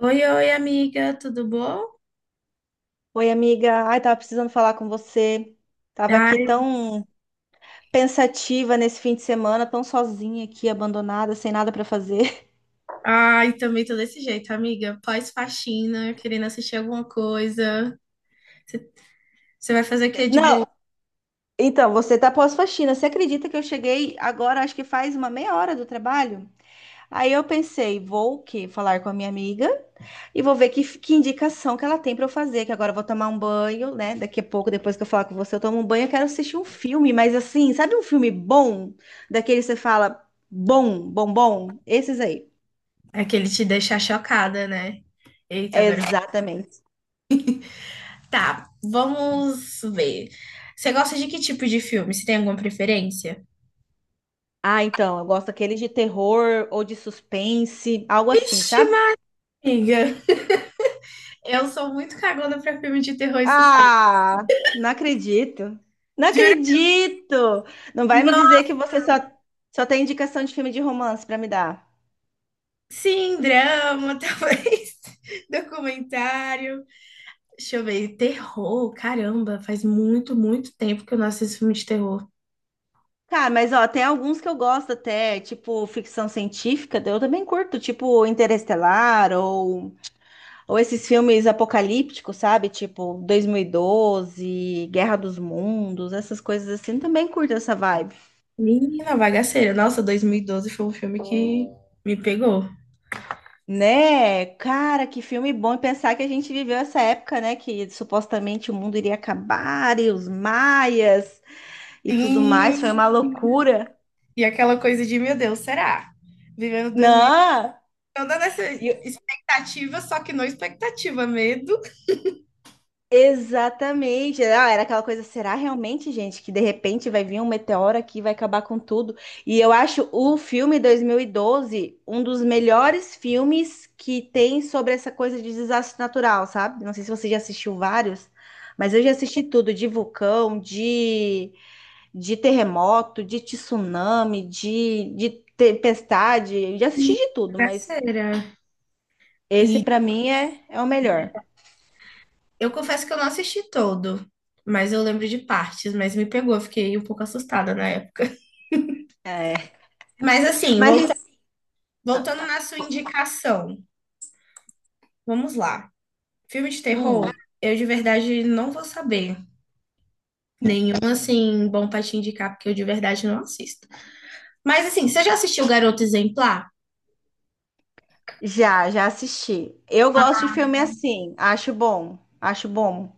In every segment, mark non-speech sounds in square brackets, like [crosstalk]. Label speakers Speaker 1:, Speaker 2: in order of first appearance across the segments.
Speaker 1: Oi, oi, amiga, tudo bom?
Speaker 2: Oi, amiga. Ai, tava precisando falar com você. Tava aqui
Speaker 1: Ai,
Speaker 2: tão pensativa nesse fim de semana, tão sozinha aqui, abandonada, sem nada pra fazer.
Speaker 1: ai, também tô desse jeito, amiga. Pós-faxina, querendo assistir alguma coisa. Você vai fazer o que
Speaker 2: [laughs]
Speaker 1: de boa?
Speaker 2: Não, então, você tá pós-faxina. Você acredita que eu cheguei agora, acho que faz uma meia hora do trabalho? Aí eu pensei, vou o quê? Falar com a minha amiga e vou ver que indicação que ela tem pra eu fazer, que agora eu vou tomar um banho, né? Daqui a pouco, depois que eu falar com você, eu tomo um banho, eu quero assistir um filme, mas assim, sabe um filme bom? Daquele que você fala, bom, bom, bom? Esses aí.
Speaker 1: É que ele te deixar chocada, né? Eita, agora.
Speaker 2: Exatamente.
Speaker 1: Tá, vamos ver. Você gosta de que tipo de filme? Você tem alguma preferência?
Speaker 2: Ah, então, eu gosto daqueles de terror ou de suspense, algo assim,
Speaker 1: Ixi,
Speaker 2: sabe?
Speaker 1: amiga, eu sou muito cagona pra filme de terror e suspense.
Speaker 2: Ah, não acredito. Não
Speaker 1: Juro.
Speaker 2: acredito! Não vai me dizer
Speaker 1: Nossa,
Speaker 2: que só tem indicação de filme de romance pra me dar.
Speaker 1: sim, drama, [laughs] talvez. Documentário. Deixa eu ver, terror, caramba, faz muito tempo que eu não assisto filme de terror.
Speaker 2: Cara, mas ó, tem alguns que eu gosto até, tipo ficção científica, eu também curto, tipo Interestelar ou esses filmes apocalípticos, sabe? Tipo 2012, Guerra dos Mundos, essas coisas assim, também curto essa vibe.
Speaker 1: Menina, Bagaceira, nossa, 2012 foi um filme que me pegou.
Speaker 2: Né? Cara, que filme bom e pensar que a gente viveu essa época, né? Que supostamente o mundo iria acabar e os maias e tudo mais. Foi
Speaker 1: Sim,
Speaker 2: uma loucura.
Speaker 1: e aquela coisa de, meu Deus, será? Vivendo
Speaker 2: Não!
Speaker 1: 2012, toda nessa
Speaker 2: E,
Speaker 1: expectativa, só que não expectativa, medo.
Speaker 2: Exatamente. Ah, era aquela coisa, será realmente, gente, que de repente vai vir um meteoro aqui e vai acabar com tudo? E eu acho o filme 2012 um dos melhores filmes que tem sobre essa coisa de desastre natural, sabe? Não sei se você já assistiu vários, mas eu já assisti tudo, de vulcão, de terremoto, de tsunami, de tempestade, eu já assisti de tudo, mas
Speaker 1: Bagaceira.
Speaker 2: esse
Speaker 1: E
Speaker 2: pra mim é o melhor.
Speaker 1: eu confesso que eu não assisti todo, mas eu lembro de partes, mas me pegou, eu fiquei um pouco assustada na época.
Speaker 2: É.
Speaker 1: Mas assim,
Speaker 2: Mas,
Speaker 1: voltando na sua indicação, vamos lá. Filme de terror,
Speaker 2: hum.
Speaker 1: eu de verdade não vou saber. Nenhum, assim, bom pra te indicar, porque eu de verdade não assisto. Mas, assim, você já assistiu Garoto Exemplar?
Speaker 2: Já assisti. Eu gosto de filme assim, acho bom, acho bom.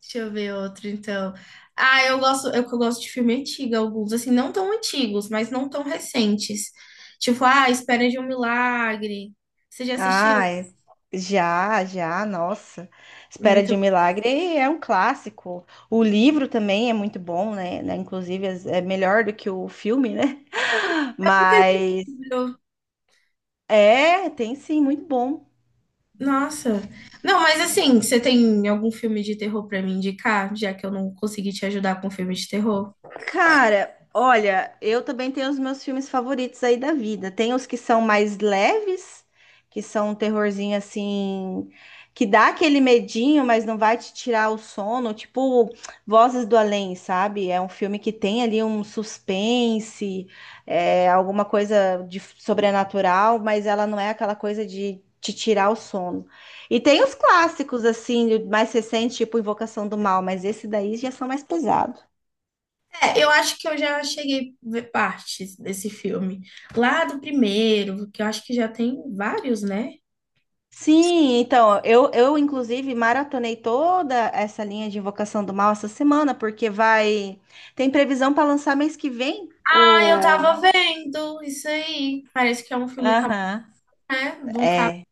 Speaker 1: Deixa eu ver outro, então. Ah, eu gosto, eu gosto de filme antigo, alguns, assim, não tão antigos, mas não tão recentes. Tipo, ah, Espera de um Milagre. Você já assistiu?
Speaker 2: Ai, já, já, nossa. Espera de um
Speaker 1: Muito.
Speaker 2: Milagre é um clássico. O livro também é muito bom, né? Né? Inclusive é melhor do que o filme, né? [laughs]
Speaker 1: Eu nunca li.
Speaker 2: Mas é, tem sim, muito bom.
Speaker 1: Nossa. Não, mas assim, você tem algum filme de terror pra me indicar, já que eu não consegui te ajudar com filme de terror?
Speaker 2: Cara, olha, eu também tenho os meus filmes favoritos aí da vida. Tem os que são mais leves, que são um terrorzinho assim, que dá aquele medinho, mas não vai te tirar o sono, tipo Vozes do Além, sabe? É um filme que tem ali um suspense, é, alguma coisa de sobrenatural, mas ela não é aquela coisa de te tirar o sono. E tem os clássicos, assim, mais recentes, tipo Invocação do Mal, mas esse daí já são mais pesados.
Speaker 1: É, eu acho que eu já cheguei a ver partes desse filme. Lá do primeiro, que eu acho que já tem vários, né?
Speaker 2: Sim, então, eu inclusive maratonei toda essa linha de Invocação do Mal essa semana, porque vai. Tem previsão para lançar mês que vem?
Speaker 1: Ah, eu
Speaker 2: O.
Speaker 1: tava vendo isso aí. Parece que é um filme,
Speaker 2: Aham,
Speaker 1: né? De um cara.
Speaker 2: é.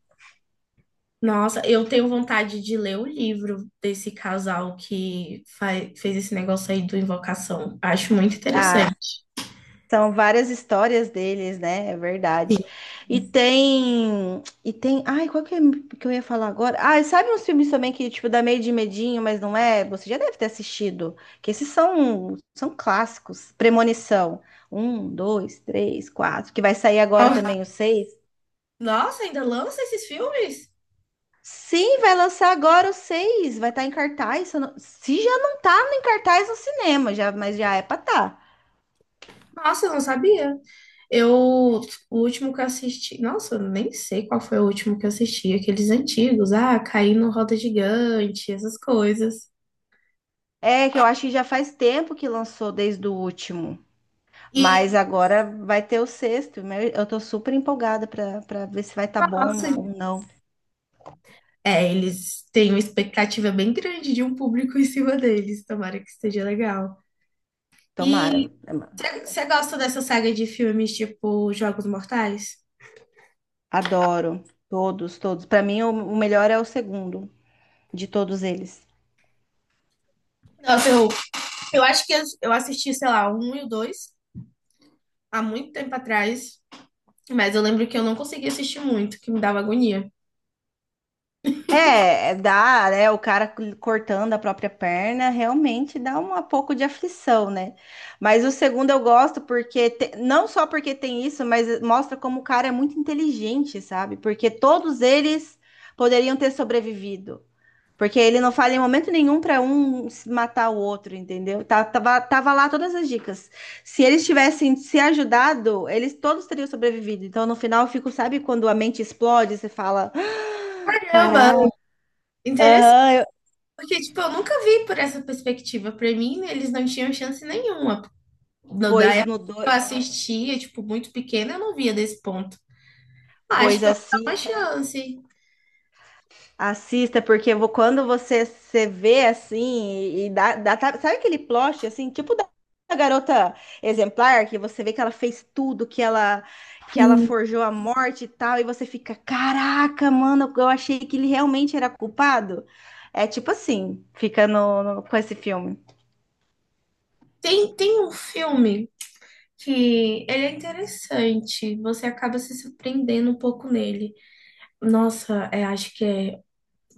Speaker 1: Nossa, eu tenho vontade de ler o livro desse casal que fez esse negócio aí do Invocação. Acho muito interessante.
Speaker 2: Ah, são várias histórias deles, né? É verdade.
Speaker 1: Sim.
Speaker 2: E tem. E tem. Ai, qual que, é que eu ia falar agora? Ah, sabe uns filmes também que, tipo, dá meio de medinho, mas não é? Você já deve ter assistido. Que esses são clássicos. Premonição. Um, dois, três, quatro. Que vai sair
Speaker 1: Ó,
Speaker 2: agora também o seis.
Speaker 1: nossa, ainda lança esses filmes?
Speaker 2: Sim, vai lançar agora o seis. Vai estar em cartaz. Se, eu não- se já não tá em cartaz no cinema, já, mas já é pra tá.
Speaker 1: Nossa, eu não sabia. Eu, o último que eu assisti, nossa, eu nem sei qual foi o último que eu assisti, aqueles antigos, ah, caí no Roda Gigante, essas coisas.
Speaker 2: É, que eu acho que já faz tempo que lançou desde o último. Mas
Speaker 1: E,
Speaker 2: agora vai ter o sexto, né? Eu tô super empolgada para ver se vai estar
Speaker 1: nossa,
Speaker 2: bom ou não.
Speaker 1: é, eles têm uma expectativa bem grande de um público em cima deles, tomara que esteja legal.
Speaker 2: Tomara.
Speaker 1: E você gosta dessa saga de filmes tipo Jogos Mortais?
Speaker 2: Adoro todos, todos. Para mim o melhor é o segundo de todos eles.
Speaker 1: Nossa, eu acho que eu assisti, sei lá, o um e o dois há muito tempo atrás, mas eu lembro que eu não conseguia assistir muito, que me dava agonia.
Speaker 2: É, é, dá, né? O cara cortando a própria perna realmente dá um pouco de aflição, né? Mas o segundo eu gosto porque te- não só porque tem isso, mas mostra como o cara é muito inteligente, sabe? Porque todos eles poderiam ter sobrevivido. Porque ele não fala em momento nenhum para um se matar o outro, entendeu? Tá- tava lá todas as dicas. Se eles tivessem se ajudado, eles todos teriam sobrevivido. Então, no final, eu fico, sabe quando a mente explode, você fala, "Ah,
Speaker 1: Caramba.
Speaker 2: caralho, aham, eu-
Speaker 1: Porque, tipo, eu nunca vi por essa perspectiva. Pra mim, eles não tinham chance nenhuma. Da
Speaker 2: pois
Speaker 1: época
Speaker 2: no do...
Speaker 1: que eu assistia, tipo, muito pequena, eu não via desse ponto. Acho
Speaker 2: pois
Speaker 1: que eu vou dar uma
Speaker 2: assim."
Speaker 1: chance.
Speaker 2: Assista, porque eu vou- quando você se vê assim, e dá, dá- tá- sabe aquele plot assim, tipo da garota exemplar, que você vê que ela fez tudo, que ela
Speaker 1: Sim.
Speaker 2: forjou a morte e tal, e você fica, caraca, mano, eu achei que ele realmente era culpado. É tipo assim, fica no, no- com esse filme.
Speaker 1: Tem um filme que ele é interessante, você acaba se surpreendendo um pouco nele. Nossa, é, acho que é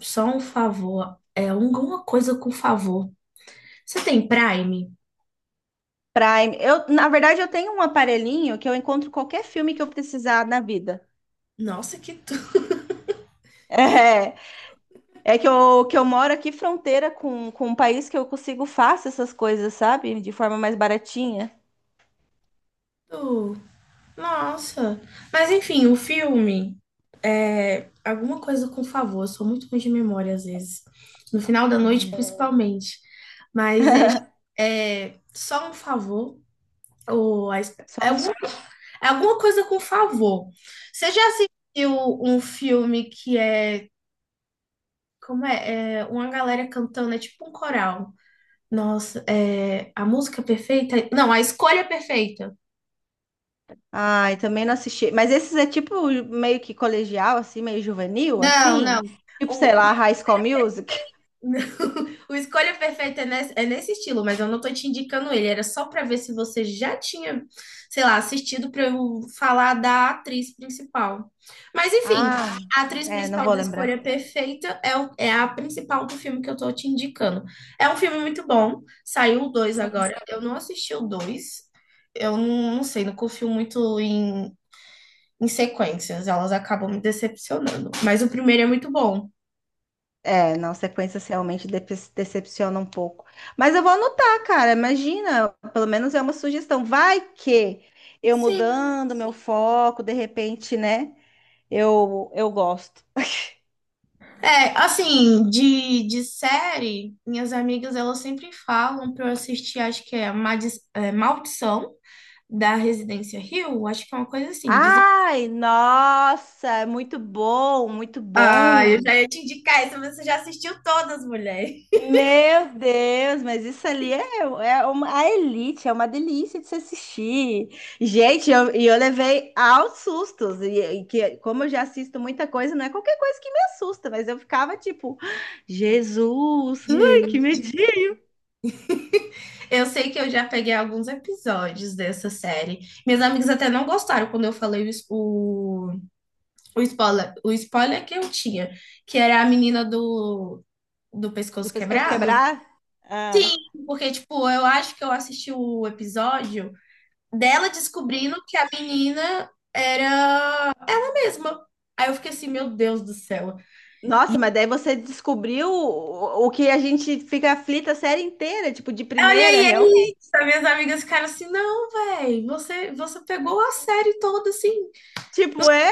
Speaker 1: só um favor, é alguma coisa com favor. Você tem Prime?
Speaker 2: Prime. Eu, na verdade, eu tenho um aparelhinho que eu encontro qualquer filme que eu precisar na vida.
Speaker 1: Nossa, que tudo!
Speaker 2: [laughs] É. É que eu moro aqui fronteira com um país que eu consigo fácil essas coisas, sabe? De forma mais baratinha.
Speaker 1: Que nossa. Mas enfim, o filme é alguma coisa com favor. Eu sou muito ruim de memória às vezes. No final da noite,
Speaker 2: Né?
Speaker 1: principalmente. Mas é, é só um favor. Ou a
Speaker 2: Só
Speaker 1: é,
Speaker 2: um... f-
Speaker 1: é alguma coisa com favor. Você já assistiu um filme que é. Como é? É uma galera cantando, é tipo um coral. Nossa, é a música perfeita? Não, a escolha perfeita.
Speaker 2: Ai, também não assisti. Mas esses é tipo meio que colegial, assim, meio juvenil,
Speaker 1: Não, não.
Speaker 2: assim. Tipo, sei
Speaker 1: O,
Speaker 2: lá, High School Music.
Speaker 1: não, [laughs] o Escolha Perfeita é nesse estilo, mas eu não tô te indicando ele. Era só pra ver se você já tinha, sei lá, assistido pra eu falar da atriz principal. Mas enfim,
Speaker 2: Ah,
Speaker 1: a atriz
Speaker 2: é, não
Speaker 1: principal
Speaker 2: vou
Speaker 1: do
Speaker 2: lembrar.
Speaker 1: Escolha Perfeita é, é a principal do filme que eu tô te indicando. É um filme muito bom. Saiu o 2 agora. Eu não assisti o 2. Eu não, não sei, não confio muito em, em sequências. Elas acabam me decepcionando. Mas o primeiro é muito bom.
Speaker 2: É, não, sequências realmente depe- decepcionam um pouco. Mas eu vou anotar, cara. Imagina, pelo menos é uma sugestão. Vai que eu
Speaker 1: Sim.
Speaker 2: mudando meu foco, de repente, né? Eu gosto.
Speaker 1: É, assim, de série, minhas amigas elas sempre falam pra eu assistir, acho que é, é, Maldição da Residência Hill, acho que é uma coisa assim. Dizem...
Speaker 2: Ai, nossa, muito bom, muito
Speaker 1: Ah, eu
Speaker 2: bom.
Speaker 1: já ia te indicar isso, mas você já assistiu todas, mulher.
Speaker 2: Meu Deus, mas isso ali é uma, a elite, é uma delícia de se assistir. Gente, eu- e eu, levei aos sustos, e que, como eu já assisto muita coisa, não é qualquer coisa que me assusta, mas eu ficava tipo, Jesus, ai, que
Speaker 1: Gente.
Speaker 2: medinho.
Speaker 1: Eu sei que eu já peguei alguns episódios dessa série. Minhas amigas até não gostaram quando eu falei o, o spoiler que eu tinha, que era a menina do, do
Speaker 2: Do
Speaker 1: pescoço
Speaker 2: pescoço
Speaker 1: quebrado.
Speaker 2: quebrar. Ah.
Speaker 1: Sim, porque, tipo, eu acho que eu assisti o episódio dela descobrindo que a menina era a mesma. Aí eu fiquei assim, meu Deus do céu.
Speaker 2: Nossa, mas daí você descobriu o que a gente fica aflita a série inteira, tipo, de
Speaker 1: Olha
Speaker 2: primeira.
Speaker 1: aí, é isso. As minhas amigas ficaram assim, não, velho, você pegou a série toda, assim.
Speaker 2: Tipo, é,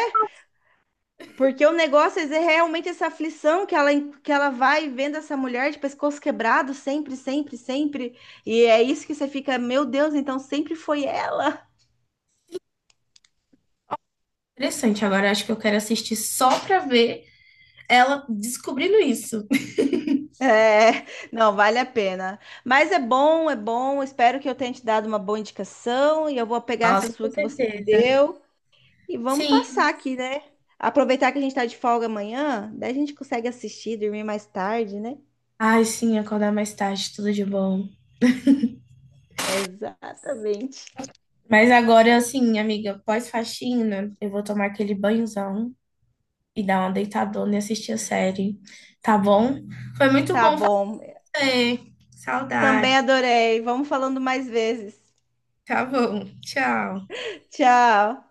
Speaker 2: porque o negócio é realmente essa aflição que ela vai vendo essa mulher de pescoço quebrado sempre, sempre, sempre. E é isso que você fica, meu Deus, então sempre foi ela. [laughs]
Speaker 1: Interessante, agora acho que eu quero assistir só pra ver ela descobrindo isso.
Speaker 2: É, não, vale a pena. Mas é bom, é bom. Espero que eu tenha te dado uma boa indicação. E eu vou pegar essa
Speaker 1: Nossa,
Speaker 2: sua
Speaker 1: com
Speaker 2: que você me
Speaker 1: certeza.
Speaker 2: deu. E vamos
Speaker 1: Sim.
Speaker 2: passar aqui, né? Aproveitar que a gente tá de folga amanhã, daí a gente consegue assistir, dormir mais tarde, né?
Speaker 1: Ai, sim, acordar mais tarde, tudo de bom.
Speaker 2: Exatamente.
Speaker 1: Mas agora, assim, amiga, pós-faxina, eu vou tomar aquele banhozão e dar uma deitadona e assistir a série, tá bom? Foi muito
Speaker 2: Tá
Speaker 1: bom
Speaker 2: bom.
Speaker 1: fazer. Saudade.
Speaker 2: Também adorei. Vamos falando mais vezes.
Speaker 1: Tá bom. Tchau.
Speaker 2: Tchau.